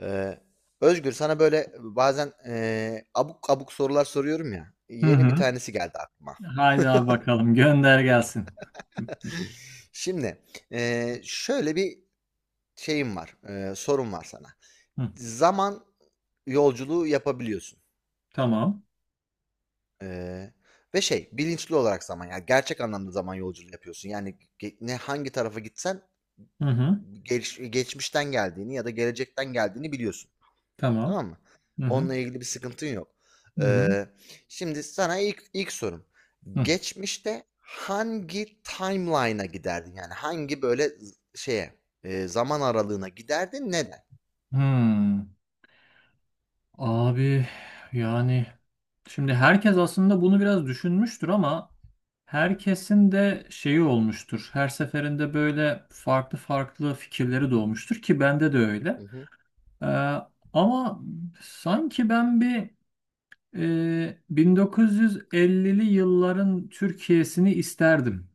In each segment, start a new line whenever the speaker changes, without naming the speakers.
Ee, Özgür, sana böyle bazen abuk abuk sorular soruyorum ya.
Hı
Yeni bir
hı.
tanesi geldi aklıma.
Haydi abi bakalım. Gönder gelsin.
Şimdi şöyle bir şeyim var, sorum var sana.
Hı.
Zaman yolculuğu yapabiliyorsun.
Tamam.
Ee, Ve şey, bilinçli olarak zaman, yani gerçek anlamda zaman yolculuğu yapıyorsun. Yani ne hangi tarafa gitsen
Hı hı.
geçmişten geldiğini ya da gelecekten geldiğini biliyorsun.
Tamam.
Tamam mı?
Hı hı.
Onunla ilgili bir sıkıntın yok.
Hı hı.
Eee, Şimdi sana ilk sorum.
Hı.
Geçmişte hangi timeline'a giderdin? Yani hangi böyle şeye, zaman aralığına giderdin? Neden?
Hmm. Abi, yani şimdi herkes aslında bunu biraz düşünmüştür ama herkesin de şeyi olmuştur. Her seferinde böyle farklı farklı fikirleri doğmuştur ki bende de
Hı
öyle.
hı.
Ee, ama sanki ben bir 1950'li yılların Türkiye'sini isterdim.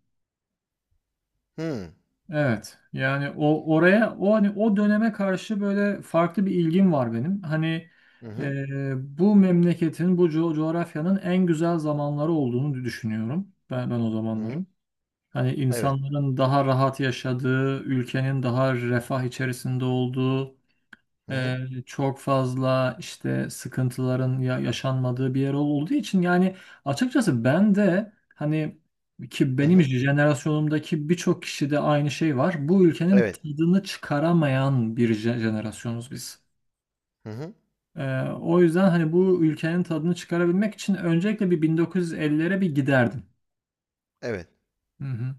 Hı.
Evet. Yani o oraya o hani o döneme karşı böyle farklı bir ilgim var benim. Hani
Hı hı.
bu memleketin, bu coğrafyanın en güzel zamanları olduğunu düşünüyorum. Ben o
Hı hı.
zamanların. Hani
Evet.
insanların daha rahat yaşadığı, ülkenin daha refah içerisinde olduğu,
Hı hı.
ee, çok fazla işte sıkıntıların yaşanmadığı bir yer olduğu için yani açıkçası ben de hani ki
Hı
benim
hı.
jenerasyonumdaki birçok kişide aynı şey var. Bu ülkenin
Evet.
tadını çıkaramayan bir jenerasyonuz biz.
Hı hı.
O yüzden hani bu ülkenin tadını çıkarabilmek için öncelikle bir 1950'lere bir giderdim.
Evet.
Hı hı.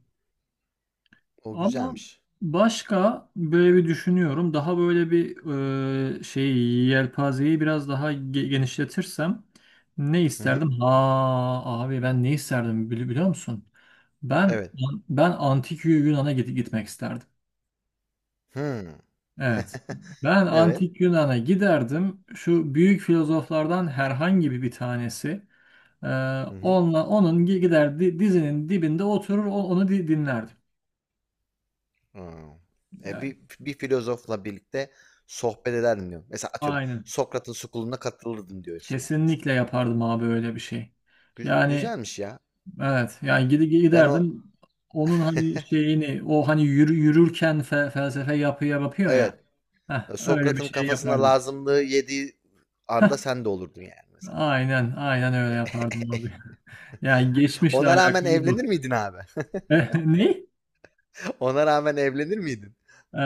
O
Ama
güzelmiş.
başka böyle bir düşünüyorum. Daha böyle bir şey yelpazeyi biraz daha genişletirsem ne
Hı hı.
isterdim? Ha abi, ben ne isterdim biliyor musun? Ben
Evet.
ben antik Yunan'a gitmek isterdim.
Hı.
Evet. Ben
Evet.
antik Yunan'a giderdim. Şu büyük filozoflardan herhangi bir tanesi e,
Hı hı.
onunla onun gider dizinin dibinde oturur onu dinlerdim.
Hımm. E,
Yani,
bir filozofla birlikte sohbet ederdim diyorum. Mesela, atıyorum,
aynen.
Sokrat'ın "School'una" katılırdım diyorsun yani mesela.
Kesinlikle yapardım abi öyle bir şey.
Güz
Yani
güzelmiş ya.
evet, yani gidi
Ben o.
giderdim onun hani şeyini o hani yürürken felsefe yapıyor ya.
Evet,
Heh, öyle bir
Sokrat'ın
şey
kafasına
yapardım.
lazımlığı yediği
Heh,
anda sen de olurdun yani mesela.
aynen aynen öyle yapardım abi. Yani geçmişle
Ona rağmen
alakalı
evlenir
bu.
miydin abi?
Eh, ne?
Ona rağmen evlenir miydin?
Ee,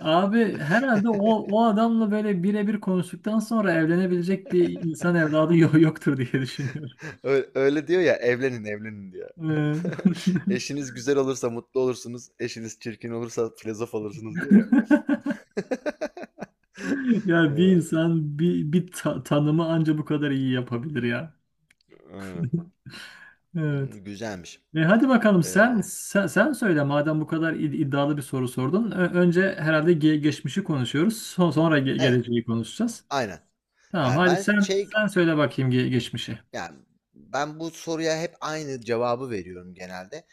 abi herhalde o adamla böyle birebir konuştuktan sonra evlenebilecek bir insan evladı yoktur diye düşünüyorum.
Öyle öyle diyor ya, "Evlenin, evlenin." diyor.
Ee,
Eşiniz güzel olursa mutlu olursunuz, eşiniz çirkin olursa filozof olursunuz diyor ya.
Ya bir
Iıı,
insan bir tanımı anca bu kadar iyi yapabilir ya.
aynen.
Evet.
Güzelmiş.
E, hadi bakalım
Ee,
sen söyle madem bu kadar iddialı bir soru sordun. Önce herhalde geçmişi konuşuyoruz. Sonra ge-
Evet,
geleceği konuşacağız.
aynen.
Tamam,
Yani
hadi
ben
sen
şey,
sen söyle bakayım geçmişi.
yani ben bu soruya hep aynı cevabı veriyorum genelde.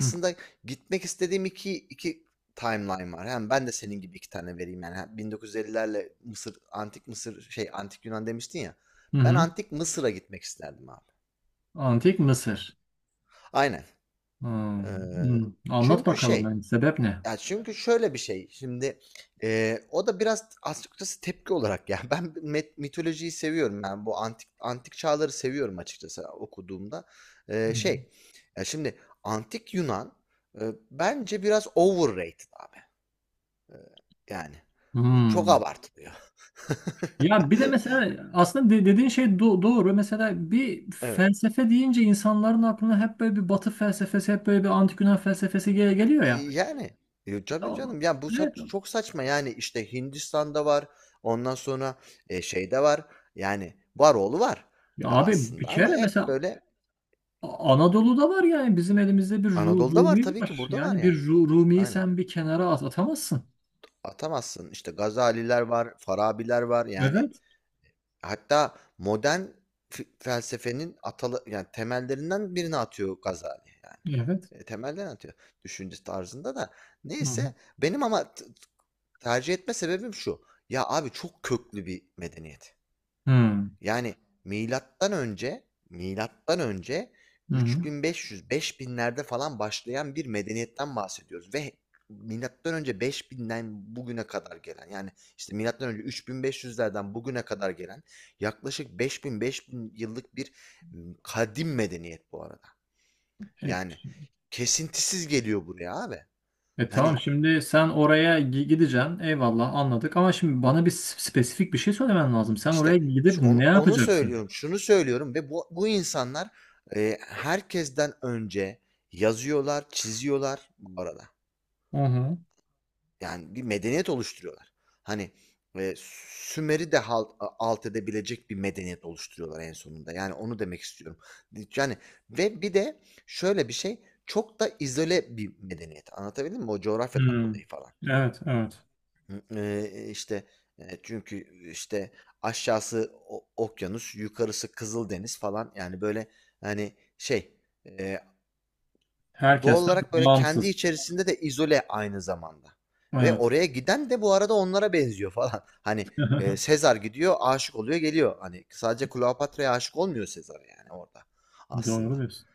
Hı.
gitmek istediğim iki timeline var. Hem ben de senin gibi iki tane vereyim yani. Hem 1950'lerle Mısır, Antik Mısır, şey, Antik Yunan demiştin ya.
Hı
Ben
hı.
Antik Mısır'a gitmek isterdim abi.
Antik Mısır.
Aynen.
Hmm.
Ee,
Hmm. Anlat
Çünkü
bakalım,
şey,
yani sebep ne?
ya, çünkü şöyle bir şey, şimdi, o da biraz açıkçası tepki olarak ya, ben mitolojiyi seviyorum, yani bu antik çağları seviyorum açıkçası okuduğumda.
Hı hı.
Şey, ya, şimdi antik Yunan, bence biraz overrated abi, yani. Çok
Hmm.
abartılıyor.
Ya bir de mesela aslında dediğin şey doğru. Mesela bir
Evet.
felsefe deyince insanların aklına hep böyle bir batı felsefesi, hep böyle bir antik Yunan felsefesi geliyor ya.
Yani, tabii canım. Ya, bu
Evet.
çok saçma. Yani, işte, Hindistan'da var, ondan sonra, şeyde var. Yani, var varoğlu var,
Ya abi, bir
aslında ama
kere
hep
mesela
böyle
Anadolu'da var, yani bizim elimizde bir Ru-
Anadolu'da var
Rumi
tabii ki,
var.
burada var
Yani bir
yani.
Rumi'yi
Aynen.
sen bir kenara atamazsın.
Atamazsın. İşte Gazaliler var, Farabiler var. Yani,
Evet.
hatta modern felsefenin atalı, yani temellerinden birini atıyor Gazali yani.
Evet.
Temelden atıyor düşünce tarzında da.
Hı
Neyse, benim ama tercih etme sebebim şu: ya, abi, çok köklü bir medeniyet.
hı.
Yani milattan önce milattan önce
Hı hı.
3500-5000'lerde falan başlayan bir medeniyetten bahsediyoruz ve milattan önce 5000'den bugüne kadar gelen, yani, işte, milattan önce 3500'lerden bugüne kadar gelen yaklaşık 5000-5000 yıllık bir kadim medeniyet bu arada.
E,
Yani kesintisiz geliyor buraya abi.
E, tamam
Hani,
şimdi sen oraya gideceksin. Eyvallah, anladık ama şimdi bana bir spesifik bir şey söylemen lazım. Sen oraya
İşte
gidip
şu
ne
onu
yapacaksın?
söylüyorum, şunu söylüyorum ve bu insanlar, herkesten önce yazıyorlar, çiziyorlar bu arada.
Hı hı.
Yani bir medeniyet oluşturuyorlar. Hani, eee, Sümer'i de halt alt edebilecek bir medeniyet oluşturuyorlar en sonunda. Yani onu demek istiyorum. Yani ve bir de şöyle bir şey, çok da izole bir medeniyet. Anlatabildim mi? O coğrafyadan
Hmm.
dolayı falan.
Evet, evet.
Hı, işte, çünkü, işte, aşağısı o okyanus, yukarısı Kızıldeniz falan. Yani, böyle, hani, şey, eee, doğal
Herkesten
olarak, böyle, kendi
bağımsız.
içerisinde de izole aynı zamanda ve
Evet.
oraya giden de bu arada onlara benziyor falan. Hani, Sezar gidiyor, aşık oluyor, geliyor. Hani, sadece Kleopatra'ya aşık olmuyor Sezar yani orada
Doğru
aslında.
diyorsun.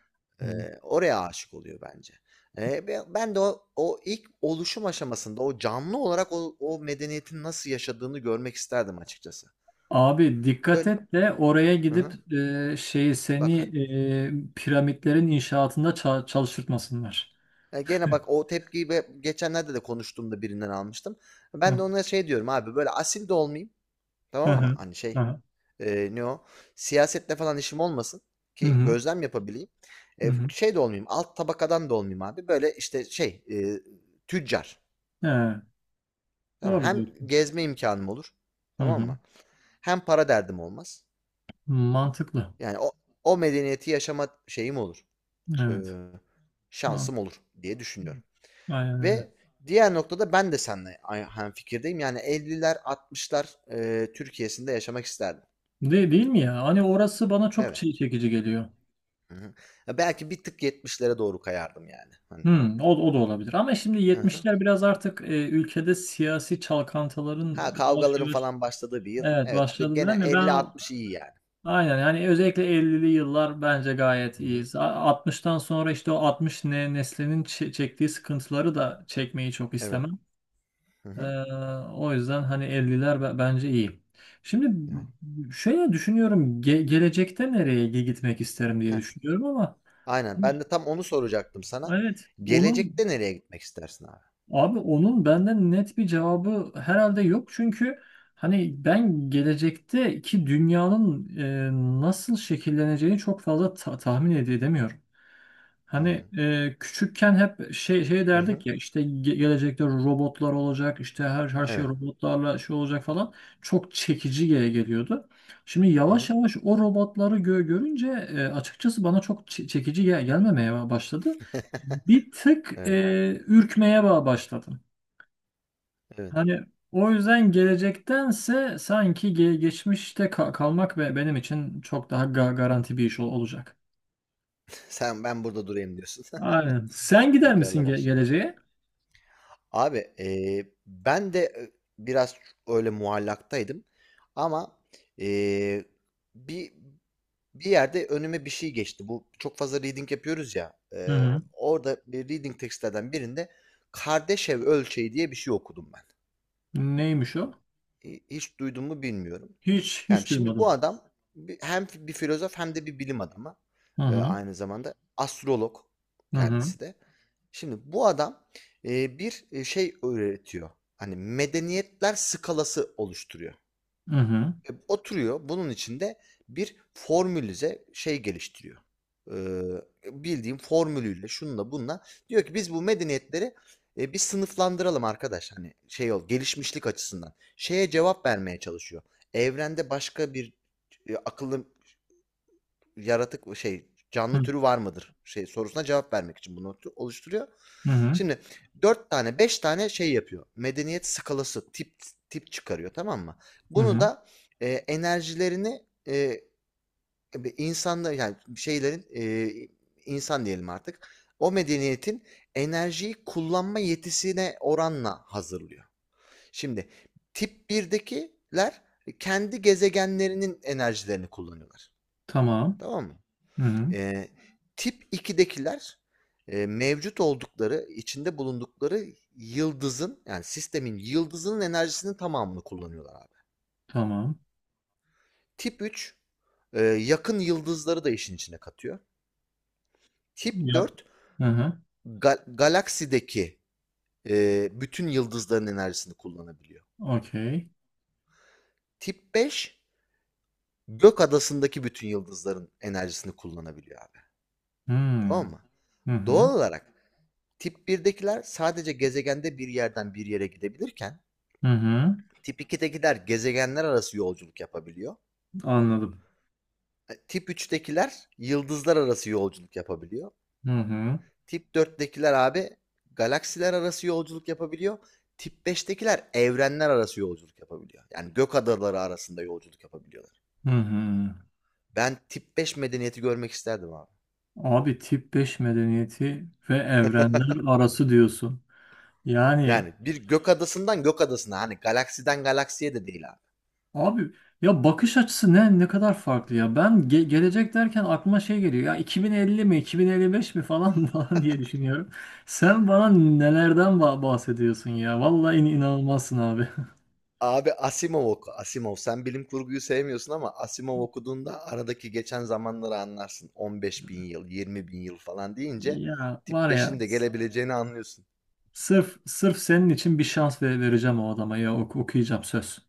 Evet.
Oraya aşık oluyor bence. Be ben de o ilk oluşum aşamasında o canlı olarak o medeniyetin nasıl yaşadığını görmek isterdim açıkçası.
Abi dikkat
Böyle.
et de oraya
Hı hı.
gidip şeyi seni
Bak ha,
piramitlerin inşaatında çalıştırtmasınlar.
gene bak, o tepkiyi geçenlerde de konuştuğumda birinden almıştım.
Hı
Ben de
hı.
ona şey diyorum abi, böyle asil de olmayayım,
Hı
tamam mı?
hı.
Hani şey, ne o? Siyasetle falan işim olmasın
Hı
ki
hı.
gözlem yapabileyim.
Hı hı.
Şey de olmayayım, alt tabakadan da olmayayım abi. Böyle işte şey, tüccar.
Evet.
Tamam.
Doğru
Hem
diyorsun.
gezme imkanım olur.
Hı
Tamam
hı.
mı? Hem para derdim olmaz.
Mantıklı.
Yani o medeniyeti yaşama şeyim olur. Ee,
Evet.
Şansım olur diye düşünüyorum.
Aynen öyle.
Ve diğer noktada ben de seninle aynı fikirdeyim. Yani 50'ler 60'lar Türkiye'sinde yaşamak isterdim.
Değil mi ya? Hani orası bana çok
Evet.
şey çekici geliyor.
Hı hı. Ya, belki bir tık 70'lere doğru kayardım yani. Hani.
Hmm, o da olabilir. Ama şimdi
Hı hı.
70'ler biraz artık ülkede siyasi
Ha,
çalkantıların yavaş
kavgaların
yavaş
falan başladığı bir yıl.
evet
Evet.
başladı
Gene
değil mi? Ben
50-60 iyi yani.
aynen, yani özellikle 50'li yıllar bence gayet
Hı
iyi.
hı.
60'tan sonra işte o 60 neslinin çektiği sıkıntıları da çekmeyi çok
Evet.
istemem.
Hı
Ee,
hı.
o yüzden hani 50'ler bence iyi. Şimdi
Evet.
şöyle düşünüyorum, gelecekte nereye gitmek isterim diye
Heh.
düşünüyorum ama
Aynen. Ben de tam onu soracaktım sana.
evet onu
Gelecekte nereye gitmek istersin abi?
abi onun benden net bir cevabı herhalde yok çünkü hani ben gelecekteki dünyanın nasıl şekilleneceğini çok fazla tahmin edemiyorum. Hani
Hıı.
küçükken hep şey
Hı hı.
derdik ya, işte gelecekte robotlar olacak, işte her şey
Evet.
robotlarla şey olacak falan çok çekici geliyordu. Şimdi
Hı
yavaş
hı.
yavaş o robotları görünce açıkçası bana çok çekici gelmemeye başladı. Bir tık
Evet,
ürkmeye başladım.
evet.
Hani o yüzden gelecektense sanki geçmişte kalmak ve benim için çok daha garanti bir iş olacak.
Sen, ben burada durayım diyorsun.
Aynen. Sen gider misin
Yukarıla
ge-
dışını.
geleceğe?
Abi, ben de, biraz öyle muallaktaydım ama, eee, bir bir yerde önüme bir şey geçti. Bu çok fazla reading yapıyoruz ya,
Hı hı.
orada bir reading tekstlerden birinde Kardashev ölçeği diye bir şey okudum ben.
Neymiş o?
Hiç duydun mu bilmiyorum.
Hiç
Yani,
hiç
şimdi bu
duymadım.
adam hem bir filozof hem de bir bilim adamı,
Hı hı.
aynı zamanda astrolog
Hı hı.
kendisi de. Şimdi bu adam, bir, şey öğretiyor, hani medeniyetler skalası oluşturuyor.
Hı hı.
E, oturuyor, bunun için de bir formülize şey geliştiriyor. Bildiğin formülüyle, şununla bununla diyor ki biz bu medeniyetleri, bir sınıflandıralım arkadaş, hani şey gelişmişlik açısından. Şeye cevap vermeye çalışıyor. Evrende başka bir, akıllı yaratık şey canlı türü var mıdır şey sorusuna cevap vermek için bunu oluşturuyor.
Hı hı.
Şimdi dört tane beş tane şey yapıyor. Medeniyet skalası tip çıkarıyor, tamam mı?
Hı
Bunu
hı.
da enerjilerini insanda yani şeylerin, insan diyelim artık, o medeniyetin enerjiyi kullanma yetisine oranla hazırlıyor. Şimdi tip birdekiler kendi gezegenlerinin enerjilerini kullanıyorlar.
Tamam.
Tamam mı?
Hı hı.
Eee, Tip ikidekiler mevcut oldukları, içinde bulundukları yıldızın, yani sistemin yıldızının enerjisinin tamamını kullanıyorlar abi.
Tamam.
Tip 3 yakın yıldızları da işin içine katıyor. Tip
Ya.
4
Hı hı.
galaksideki bütün yıldızların enerjisini kullanabiliyor.
Okey.
Tip 5 gök adasındaki bütün yıldızların enerjisini kullanabiliyor abi.
Hı hı.
Tamam mı?
Hı hı.
Doğal olarak tip birdekiler sadece gezegende bir yerden bir yere gidebilirken
Hı.
Tip 2'dekiler gezegenler arası yolculuk yapabiliyor.
Anladım.
E, Tip 3'tekiler yıldızlar arası yolculuk yapabiliyor.
Hı hı.
Tip 4'tekiler abi galaksiler arası yolculuk yapabiliyor. Tip 5'tekiler evrenler arası yolculuk yapabiliyor. Yani gök adaları arasında yolculuk yapabiliyorlar.
Hı hı.
Ben tip 5 medeniyeti görmek isterdim abi.
Abi tip 5 medeniyeti ve evrenler arası diyorsun. Yani
Yani bir gök adasından gök adasına, hani galaksiden galaksiye de değil abi.
abi ya, bakış açısı ne kadar farklı ya. Ben gelecek derken aklıma şey geliyor. Ya 2050 mi 2055 mi falan falan diye düşünüyorum. Sen bana nelerden bahsediyorsun ya. Vallahi inanılmazsın abi.
Abi, Asimov oku, Asimov. Sen bilim kurguyu sevmiyorsun ama Asimov okuduğunda aradaki geçen zamanları anlarsın. 15 bin yıl, 20 bin yıl falan deyince
Ya var
tip beşin
ya,
de gelebileceğini anlıyorsun.
sırf sırf senin için bir şans vereceğim o adama, ya okuyacağım söz.